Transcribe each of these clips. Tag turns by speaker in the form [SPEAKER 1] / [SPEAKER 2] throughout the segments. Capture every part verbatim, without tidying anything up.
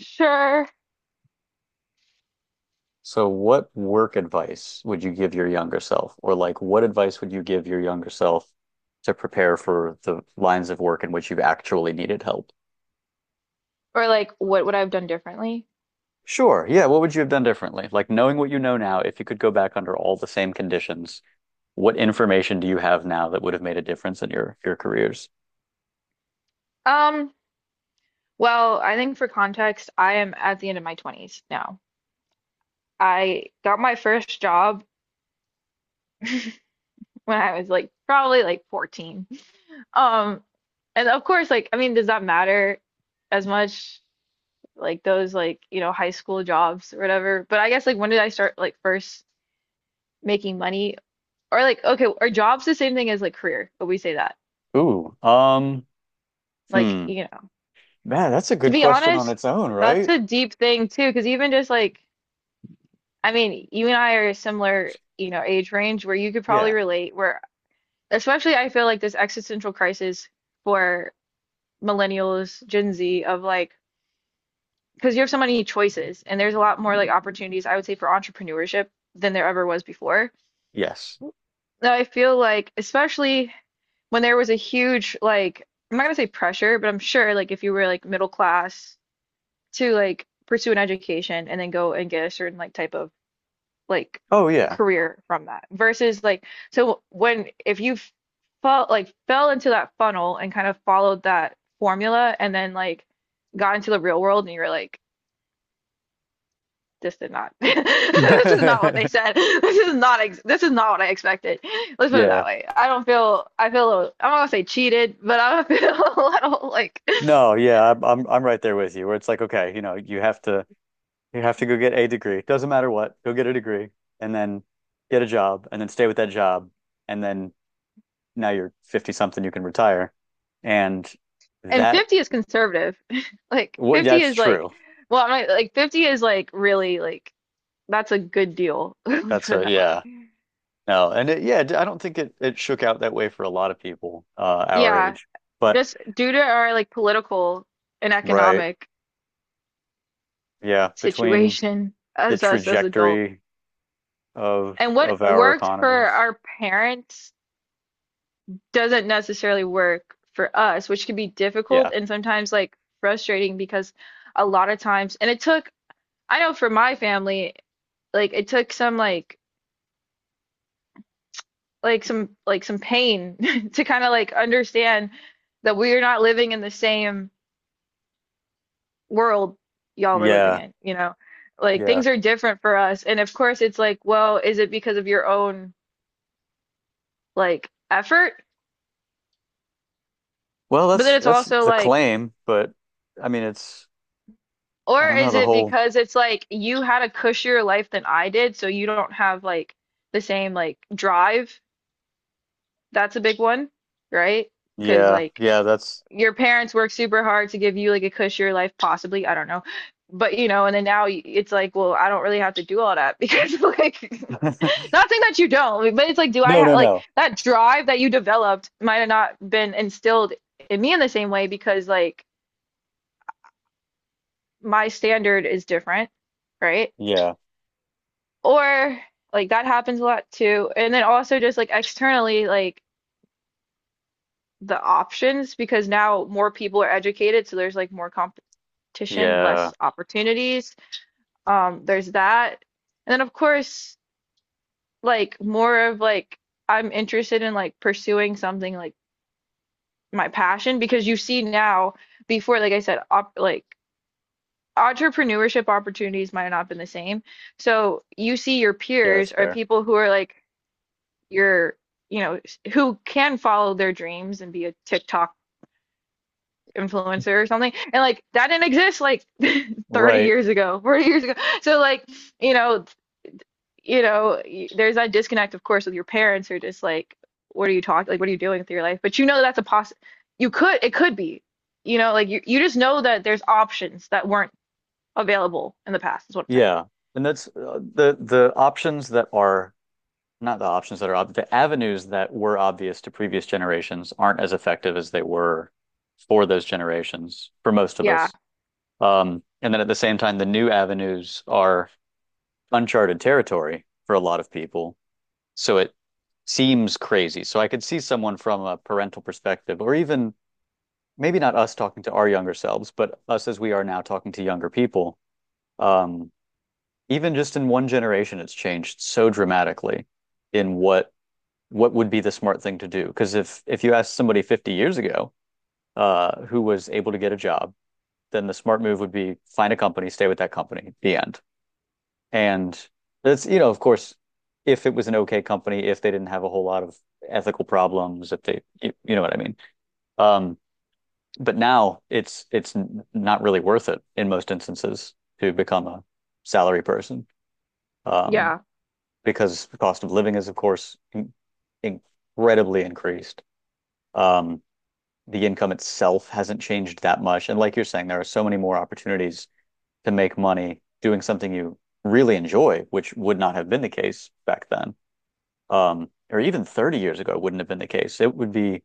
[SPEAKER 1] Sure.
[SPEAKER 2] So what work advice would you give your younger self? Or like What advice would you give your younger self to prepare for the lines of work in which you've actually needed help?
[SPEAKER 1] Or like what would I have done differently?
[SPEAKER 2] Sure. Yeah, what would you have done differently? Like knowing what you know now, if you could go back under all the same conditions, what information do you have now that would have made a difference in your your careers?
[SPEAKER 1] Um, well, I think for context, I am at the end of my twenties now. I got my first job when I was like probably like fourteen. Um, and of course, like I mean, does that matter as much like those like, you know, high school jobs or whatever? But I guess like when did I start like first making money? Or like okay, are jobs the same thing as like career? But we say that.
[SPEAKER 2] Ooh, um,
[SPEAKER 1] Like,
[SPEAKER 2] hmm.
[SPEAKER 1] you know.
[SPEAKER 2] Man, that's a
[SPEAKER 1] To
[SPEAKER 2] good
[SPEAKER 1] be
[SPEAKER 2] question on
[SPEAKER 1] honest,
[SPEAKER 2] its own,
[SPEAKER 1] that's
[SPEAKER 2] right?
[SPEAKER 1] a deep thing too, because even just like I mean, you and I are a similar, you know, age range where you could probably
[SPEAKER 2] Yeah.
[SPEAKER 1] relate, where especially I feel like this existential crisis for millennials, Gen Z of like, because you have so many choices and there's a lot more like opportunities, I would say, for entrepreneurship than there ever was before.
[SPEAKER 2] Yes.
[SPEAKER 1] Now, I feel like, especially when there was a huge, like, I'm not gonna say pressure, but I'm sure like if you were like middle class to like pursue an education and then go and get a certain like type of like
[SPEAKER 2] Oh yeah.
[SPEAKER 1] career from that versus like so when if you felt like fell into that funnel and kind of followed that formula and then like got into the real world and you were like this did not this is not what they said this is not ex this is not what I expected, let's put it
[SPEAKER 2] Yeah.
[SPEAKER 1] that way. I don't feel, I feel a little, I'm not gonna say cheated, but I feel a little like
[SPEAKER 2] No, yeah, I'm I'm I'm right there with you. Where it's like, okay, you know, you have to you have to go get a degree. Doesn't matter what, go get a degree and then get a job and then stay with that job and then now you're fifty something, you can retire. And
[SPEAKER 1] and
[SPEAKER 2] that
[SPEAKER 1] fifty is conservative. Like
[SPEAKER 2] what
[SPEAKER 1] fifty
[SPEAKER 2] that's
[SPEAKER 1] is like,
[SPEAKER 2] true.
[SPEAKER 1] well I'm not, like fifty is like really like that's a good deal. Let's
[SPEAKER 2] That's
[SPEAKER 1] put it
[SPEAKER 2] a
[SPEAKER 1] that way.
[SPEAKER 2] yeah. No, and it, yeah, I don't think it it shook out that way for a lot of people uh our
[SPEAKER 1] Yeah,
[SPEAKER 2] age. But
[SPEAKER 1] just due to our like political and
[SPEAKER 2] right,
[SPEAKER 1] economic
[SPEAKER 2] yeah, between
[SPEAKER 1] situation
[SPEAKER 2] the
[SPEAKER 1] as us as adults.
[SPEAKER 2] trajectory of
[SPEAKER 1] And what
[SPEAKER 2] of our
[SPEAKER 1] worked for
[SPEAKER 2] economies.
[SPEAKER 1] our parents doesn't necessarily work for us, which can be difficult
[SPEAKER 2] Yeah.
[SPEAKER 1] and sometimes like frustrating because a lot of times, and it took, I know for my family, like it took some like like some like some pain to kind of like understand that we are not living in the same world y'all were living
[SPEAKER 2] Yeah.
[SPEAKER 1] in, you know? Like
[SPEAKER 2] Yeah.
[SPEAKER 1] things are different for us. And of course it's like, well, is it because of your own like effort?
[SPEAKER 2] Well,
[SPEAKER 1] But then
[SPEAKER 2] that's
[SPEAKER 1] it's
[SPEAKER 2] that's
[SPEAKER 1] also
[SPEAKER 2] the
[SPEAKER 1] like,
[SPEAKER 2] claim, but I mean, it's I
[SPEAKER 1] or
[SPEAKER 2] don't know
[SPEAKER 1] is
[SPEAKER 2] the
[SPEAKER 1] it
[SPEAKER 2] whole.
[SPEAKER 1] because it's like you had a cushier life than I did, so you don't have like the same like drive? That's a big one, right? Because
[SPEAKER 2] Yeah,
[SPEAKER 1] like
[SPEAKER 2] yeah, that's
[SPEAKER 1] your parents work super hard to give you like a cushier life, possibly, I don't know. But you know, and then now y- it's like, well, I don't really have to do all that because like, not saying that you don't, but it's like, do I
[SPEAKER 2] no,
[SPEAKER 1] ha
[SPEAKER 2] no,
[SPEAKER 1] like
[SPEAKER 2] no.
[SPEAKER 1] that drive that you developed might have not been instilled in me in the same way because like my standard is different, right?
[SPEAKER 2] Yeah,
[SPEAKER 1] Or like that happens a lot too. And then also just like externally, like the options because now more people are educated, so there's like more competition,
[SPEAKER 2] yeah,
[SPEAKER 1] less opportunities. Um, there's that. And then of course, like more of like I'm interested in like pursuing something like my passion because you see now before like I said op like entrepreneurship opportunities might not have been the same. So you see your
[SPEAKER 2] yeah. That's
[SPEAKER 1] peers or
[SPEAKER 2] fair.
[SPEAKER 1] people who are like your you know who can follow their dreams and be a TikTok influencer or something and like that didn't exist like thirty
[SPEAKER 2] Right.
[SPEAKER 1] years ago, forty years ago, so like you know you know, there's that disconnect, of course, with your parents who are just like, what are you talking? Like, what are you doing with your life? But you know that's a poss. You could, it could be, you know, like you, you just know that there's options that weren't available in the past, is what I'm saying.
[SPEAKER 2] Yeah, and that's uh, the the options that are not the options that are ob the avenues that were obvious to previous generations aren't as effective as they were for those generations for most of
[SPEAKER 1] Yeah,
[SPEAKER 2] us. Um, and then at the same time, the new avenues are uncharted territory for a lot of people. So it seems crazy. So I could see someone from a parental perspective, or even maybe not us talking to our younger selves, but us as we are now talking to younger people. Um, Even just in one generation, it's changed so dramatically in what what would be the smart thing to do. Because if if you asked somebody fifty years ago, uh, who was able to get a job, then the smart move would be find a company, stay with that company, the end. And that's, you know, of course, if it was an okay company, if they didn't have a whole lot of ethical problems, if they, you, you know what I mean. Um, but now it's it's not really worth it in most instances to become a salary person, um,
[SPEAKER 1] yeah,
[SPEAKER 2] because the cost of living is, of course, in- incredibly increased. Um, the income itself hasn't changed that much, and like you're saying, there are so many more opportunities to make money doing something you really enjoy, which would not have been the case back then. Um, or even thirty years ago wouldn't have been the case. It would be,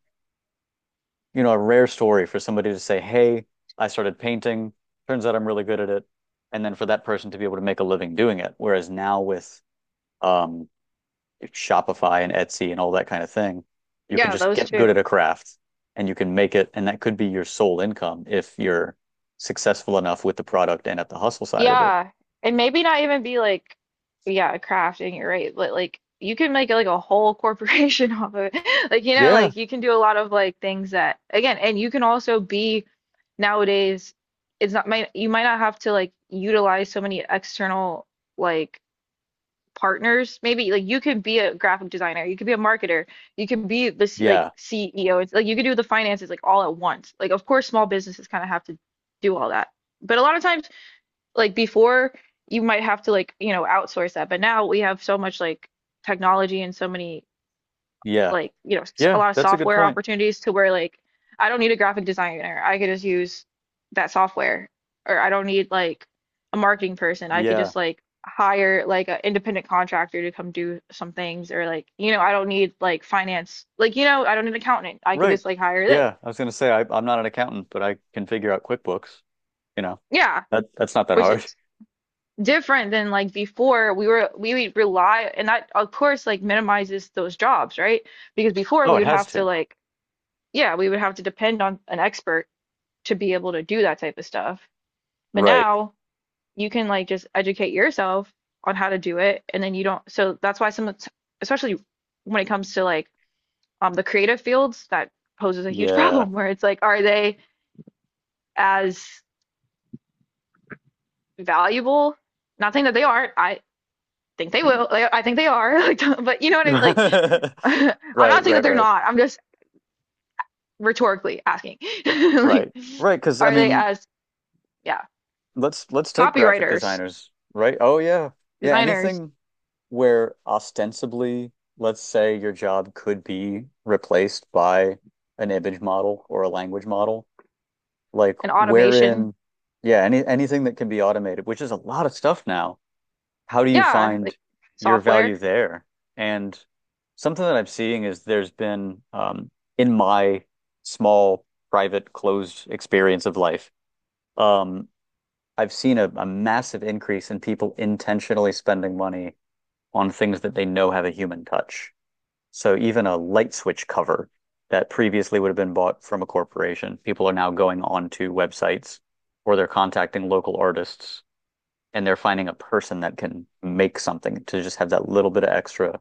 [SPEAKER 2] you know, a rare story for somebody to say, "Hey, I started painting. Turns out I'm really good at it," and then for that person to be able to make a living doing it. Whereas now with um, Shopify and Etsy and all that kind of thing, you can
[SPEAKER 1] yeah,
[SPEAKER 2] just
[SPEAKER 1] those
[SPEAKER 2] get good at
[SPEAKER 1] two.
[SPEAKER 2] a craft and you can make it, and that could be your sole income if you're successful enough with the product and at the hustle side of it.
[SPEAKER 1] Yeah, and maybe not even be like, yeah, crafting, you're right, but like you can make like a whole corporation off of it. Like, you know,
[SPEAKER 2] Yeah.
[SPEAKER 1] like you can do a lot of like things that again, and you can also be nowadays it's not might you might not have to like utilize so many external like partners. Maybe like you could be a graphic designer, you could be a marketer, you could be the C, like
[SPEAKER 2] Yeah,
[SPEAKER 1] C E O. It's like you could do the finances like all at once. Like of course small businesses kind of have to do all that. But a lot of times like before you might have to like you know outsource that but now we have so much like technology and so many
[SPEAKER 2] yeah,
[SPEAKER 1] like you know s- a
[SPEAKER 2] yeah.
[SPEAKER 1] lot of
[SPEAKER 2] That's a good
[SPEAKER 1] software
[SPEAKER 2] point.
[SPEAKER 1] opportunities to where like I don't need a graphic designer, I could just use that software, or I don't need like a marketing person, I could
[SPEAKER 2] Yeah.
[SPEAKER 1] just like hire like an independent contractor to come do some things, or like you know I don't need like finance, like you know I don't need an accountant, I could
[SPEAKER 2] Right.
[SPEAKER 1] just like hire this.
[SPEAKER 2] Yeah, I was gonna say I, I'm not an accountant, but I can figure out QuickBooks. You know,
[SPEAKER 1] Yeah,
[SPEAKER 2] that that's not that
[SPEAKER 1] which
[SPEAKER 2] hard.
[SPEAKER 1] is different than like before we were we would rely, and that of course like minimizes those jobs, right? Because before
[SPEAKER 2] Oh,
[SPEAKER 1] we
[SPEAKER 2] it
[SPEAKER 1] would
[SPEAKER 2] has
[SPEAKER 1] have to
[SPEAKER 2] to.
[SPEAKER 1] like, yeah, we would have to depend on an expert to be able to do that type of stuff, but
[SPEAKER 2] Right.
[SPEAKER 1] now you can like just educate yourself on how to do it and then you don't, so that's why some especially when it comes to like um the creative fields that poses a huge
[SPEAKER 2] Yeah.
[SPEAKER 1] problem where it's like are they as valuable, not saying that they aren't, I think they will. Like, I think they are. Like, but you know what I mean? Like,
[SPEAKER 2] Right.
[SPEAKER 1] I'm
[SPEAKER 2] Right.
[SPEAKER 1] not saying that they're
[SPEAKER 2] Right.
[SPEAKER 1] not. I'm just rhetorically asking. Like,
[SPEAKER 2] Right. Right. Because I
[SPEAKER 1] are they
[SPEAKER 2] mean,
[SPEAKER 1] as, yeah,
[SPEAKER 2] let's let's take graphic
[SPEAKER 1] copywriters,
[SPEAKER 2] designers. Right. Oh yeah. Yeah.
[SPEAKER 1] designers,
[SPEAKER 2] Anything where ostensibly, let's say your job could be replaced by an image model or a language model, like
[SPEAKER 1] and automation?
[SPEAKER 2] wherein, yeah, any anything that can be automated, which is a lot of stuff now. How do you
[SPEAKER 1] Yeah,
[SPEAKER 2] find
[SPEAKER 1] like
[SPEAKER 2] your value
[SPEAKER 1] software.
[SPEAKER 2] there? And something that I'm seeing is there's been um, in my small, private, closed experience of life, um, I've seen a, a massive increase in people intentionally spending money on things that they know have a human touch. So even a light switch cover that previously would have been bought from a corporation, people are now going onto websites or they're contacting local artists and they're finding a person that can make something to just have that little bit of extra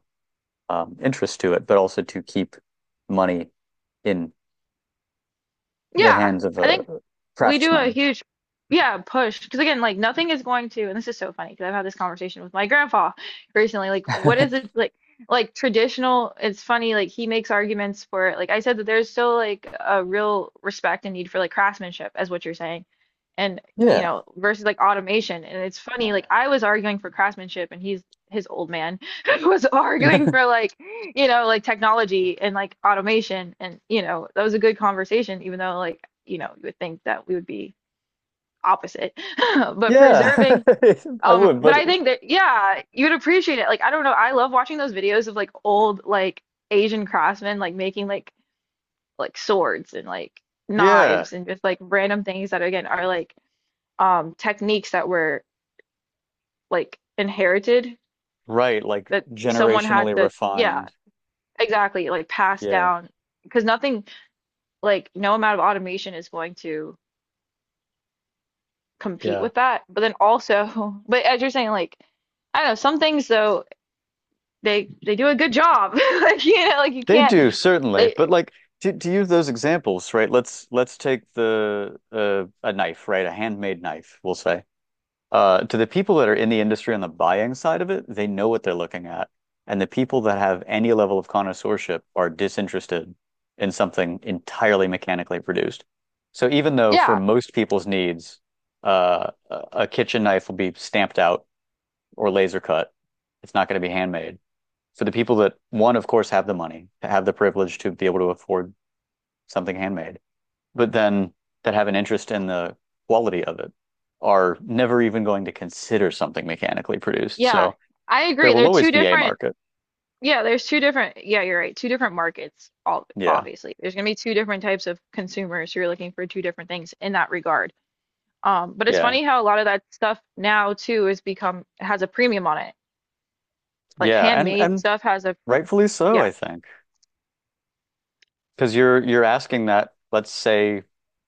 [SPEAKER 2] um, interest to it, but also to keep money in the
[SPEAKER 1] Yeah,
[SPEAKER 2] hands of
[SPEAKER 1] I
[SPEAKER 2] a
[SPEAKER 1] think we do a
[SPEAKER 2] craftsman.
[SPEAKER 1] huge, yeah, push. Because again, like nothing is going to, and this is so funny because I've had this conversation with my grandpa recently. Like, what is it like? Like traditional, it's funny. Like he makes arguments for, like I said, that there's still like a real respect and need for like craftsmanship, as what you're saying, and you
[SPEAKER 2] yeah.
[SPEAKER 1] know, versus like automation. And it's funny. Like I was arguing for craftsmanship, and he's his old man was arguing for like, you know, like technology and like automation. And, you know, that was a good conversation, even though like, you know, you would think that we would be opposite. But
[SPEAKER 2] yeah.
[SPEAKER 1] preserving,
[SPEAKER 2] I
[SPEAKER 1] um,
[SPEAKER 2] would,
[SPEAKER 1] but
[SPEAKER 2] but
[SPEAKER 1] I think that, yeah, you'd appreciate it. Like, I don't know, I love watching those videos of like old like Asian craftsmen like making like like swords and like
[SPEAKER 2] yeah,
[SPEAKER 1] knives and just like random things that again are like um techniques that were like inherited
[SPEAKER 2] right. Like
[SPEAKER 1] that someone had
[SPEAKER 2] generationally
[SPEAKER 1] to, yeah,
[SPEAKER 2] refined.
[SPEAKER 1] exactly, like passed
[SPEAKER 2] Yeah.
[SPEAKER 1] down because nothing like no amount of automation is going to compete
[SPEAKER 2] Yeah.
[SPEAKER 1] with that. But then also, but as you're saying, like I don't know, some things though they they do a good job. Like you know, like you
[SPEAKER 2] They
[SPEAKER 1] can't
[SPEAKER 2] do certainly,
[SPEAKER 1] they,
[SPEAKER 2] but like to, to use those examples, right? Let's let's take the uh, a knife, right? A handmade knife, we'll say. Uh, to the people that are in the industry on the buying side of it, they know what they're looking at. And the people that have any level of connoisseurship are disinterested in something entirely mechanically produced. So even though for
[SPEAKER 1] yeah,
[SPEAKER 2] most people's needs, uh, a kitchen knife will be stamped out or laser cut, it's not going to be handmade. So the people that, one, of course, have the money, have the privilege to be able to afford something handmade but then that have an interest in the quality of it are never even going to consider something mechanically produced.
[SPEAKER 1] yeah.
[SPEAKER 2] So
[SPEAKER 1] I
[SPEAKER 2] there
[SPEAKER 1] agree.
[SPEAKER 2] will
[SPEAKER 1] They're
[SPEAKER 2] always
[SPEAKER 1] two
[SPEAKER 2] be a
[SPEAKER 1] different,
[SPEAKER 2] market.
[SPEAKER 1] yeah, there's two different, yeah, you're right. Two different markets, all
[SPEAKER 2] Yeah.
[SPEAKER 1] obviously. There's gonna be two different types of consumers who are looking for two different things in that regard. Um, but it's
[SPEAKER 2] Yeah.
[SPEAKER 1] funny how a lot of that stuff now too has become has a premium on it like
[SPEAKER 2] Yeah. And
[SPEAKER 1] handmade
[SPEAKER 2] and
[SPEAKER 1] stuff has a
[SPEAKER 2] rightfully so,
[SPEAKER 1] yeah,
[SPEAKER 2] I think. Because you're you're asking that, let's say,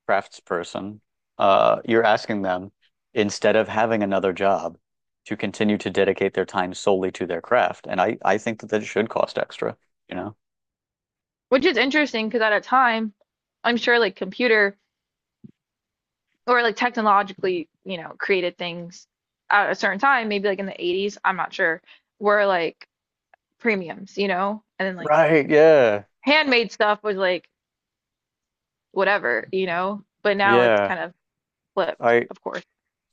[SPEAKER 2] craftsperson, uh, you're asking them, instead of having another job, to continue to dedicate their time solely to their craft. And I, I think that that should cost extra, you know?
[SPEAKER 1] which is interesting because at a time I'm sure like computer or like technologically you know created things at a certain time maybe like in the eighties I'm not sure were like premiums, you know, and then like
[SPEAKER 2] Right, yeah.
[SPEAKER 1] handmade stuff was like whatever, you know, but now it's
[SPEAKER 2] Yeah.
[SPEAKER 1] kind of flipped,
[SPEAKER 2] I
[SPEAKER 1] of course.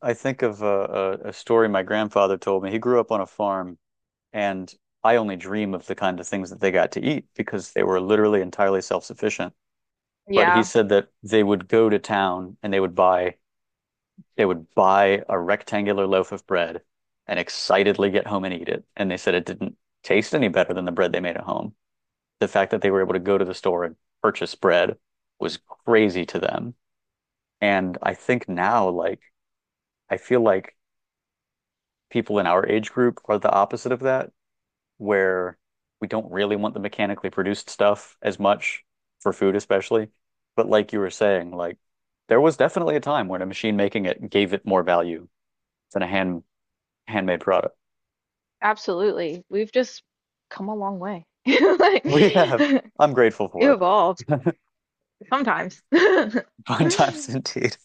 [SPEAKER 2] I think of a, a, story my grandfather told me. He grew up on a farm, and I only dream of the kind of things that they got to eat because they were literally entirely self-sufficient. But he
[SPEAKER 1] Yeah,
[SPEAKER 2] said that they would go to town and they would buy they would buy a rectangular loaf of bread and excitedly get home and eat it. And they said it didn't taste any better than the bread they made at home. The fact that they were able to go to the store and purchase bread was crazy to them. And I think now, like, I feel like people in our age group are the opposite of that, where we don't really want the mechanically produced stuff as much for food, especially. But like you were saying, like there was definitely a time when a machine making it gave it more value than a hand handmade product.
[SPEAKER 1] absolutely we've just come a long way like
[SPEAKER 2] We have. I'm grateful for
[SPEAKER 1] evolved
[SPEAKER 2] it.
[SPEAKER 1] sometimes.
[SPEAKER 2] Fun times indeed.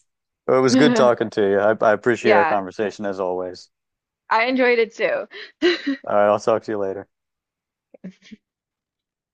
[SPEAKER 2] Well, it was good talking to you. I, I appreciate our
[SPEAKER 1] Yeah,
[SPEAKER 2] conversation as always.
[SPEAKER 1] I enjoyed it too.
[SPEAKER 2] All right, I'll talk to you later.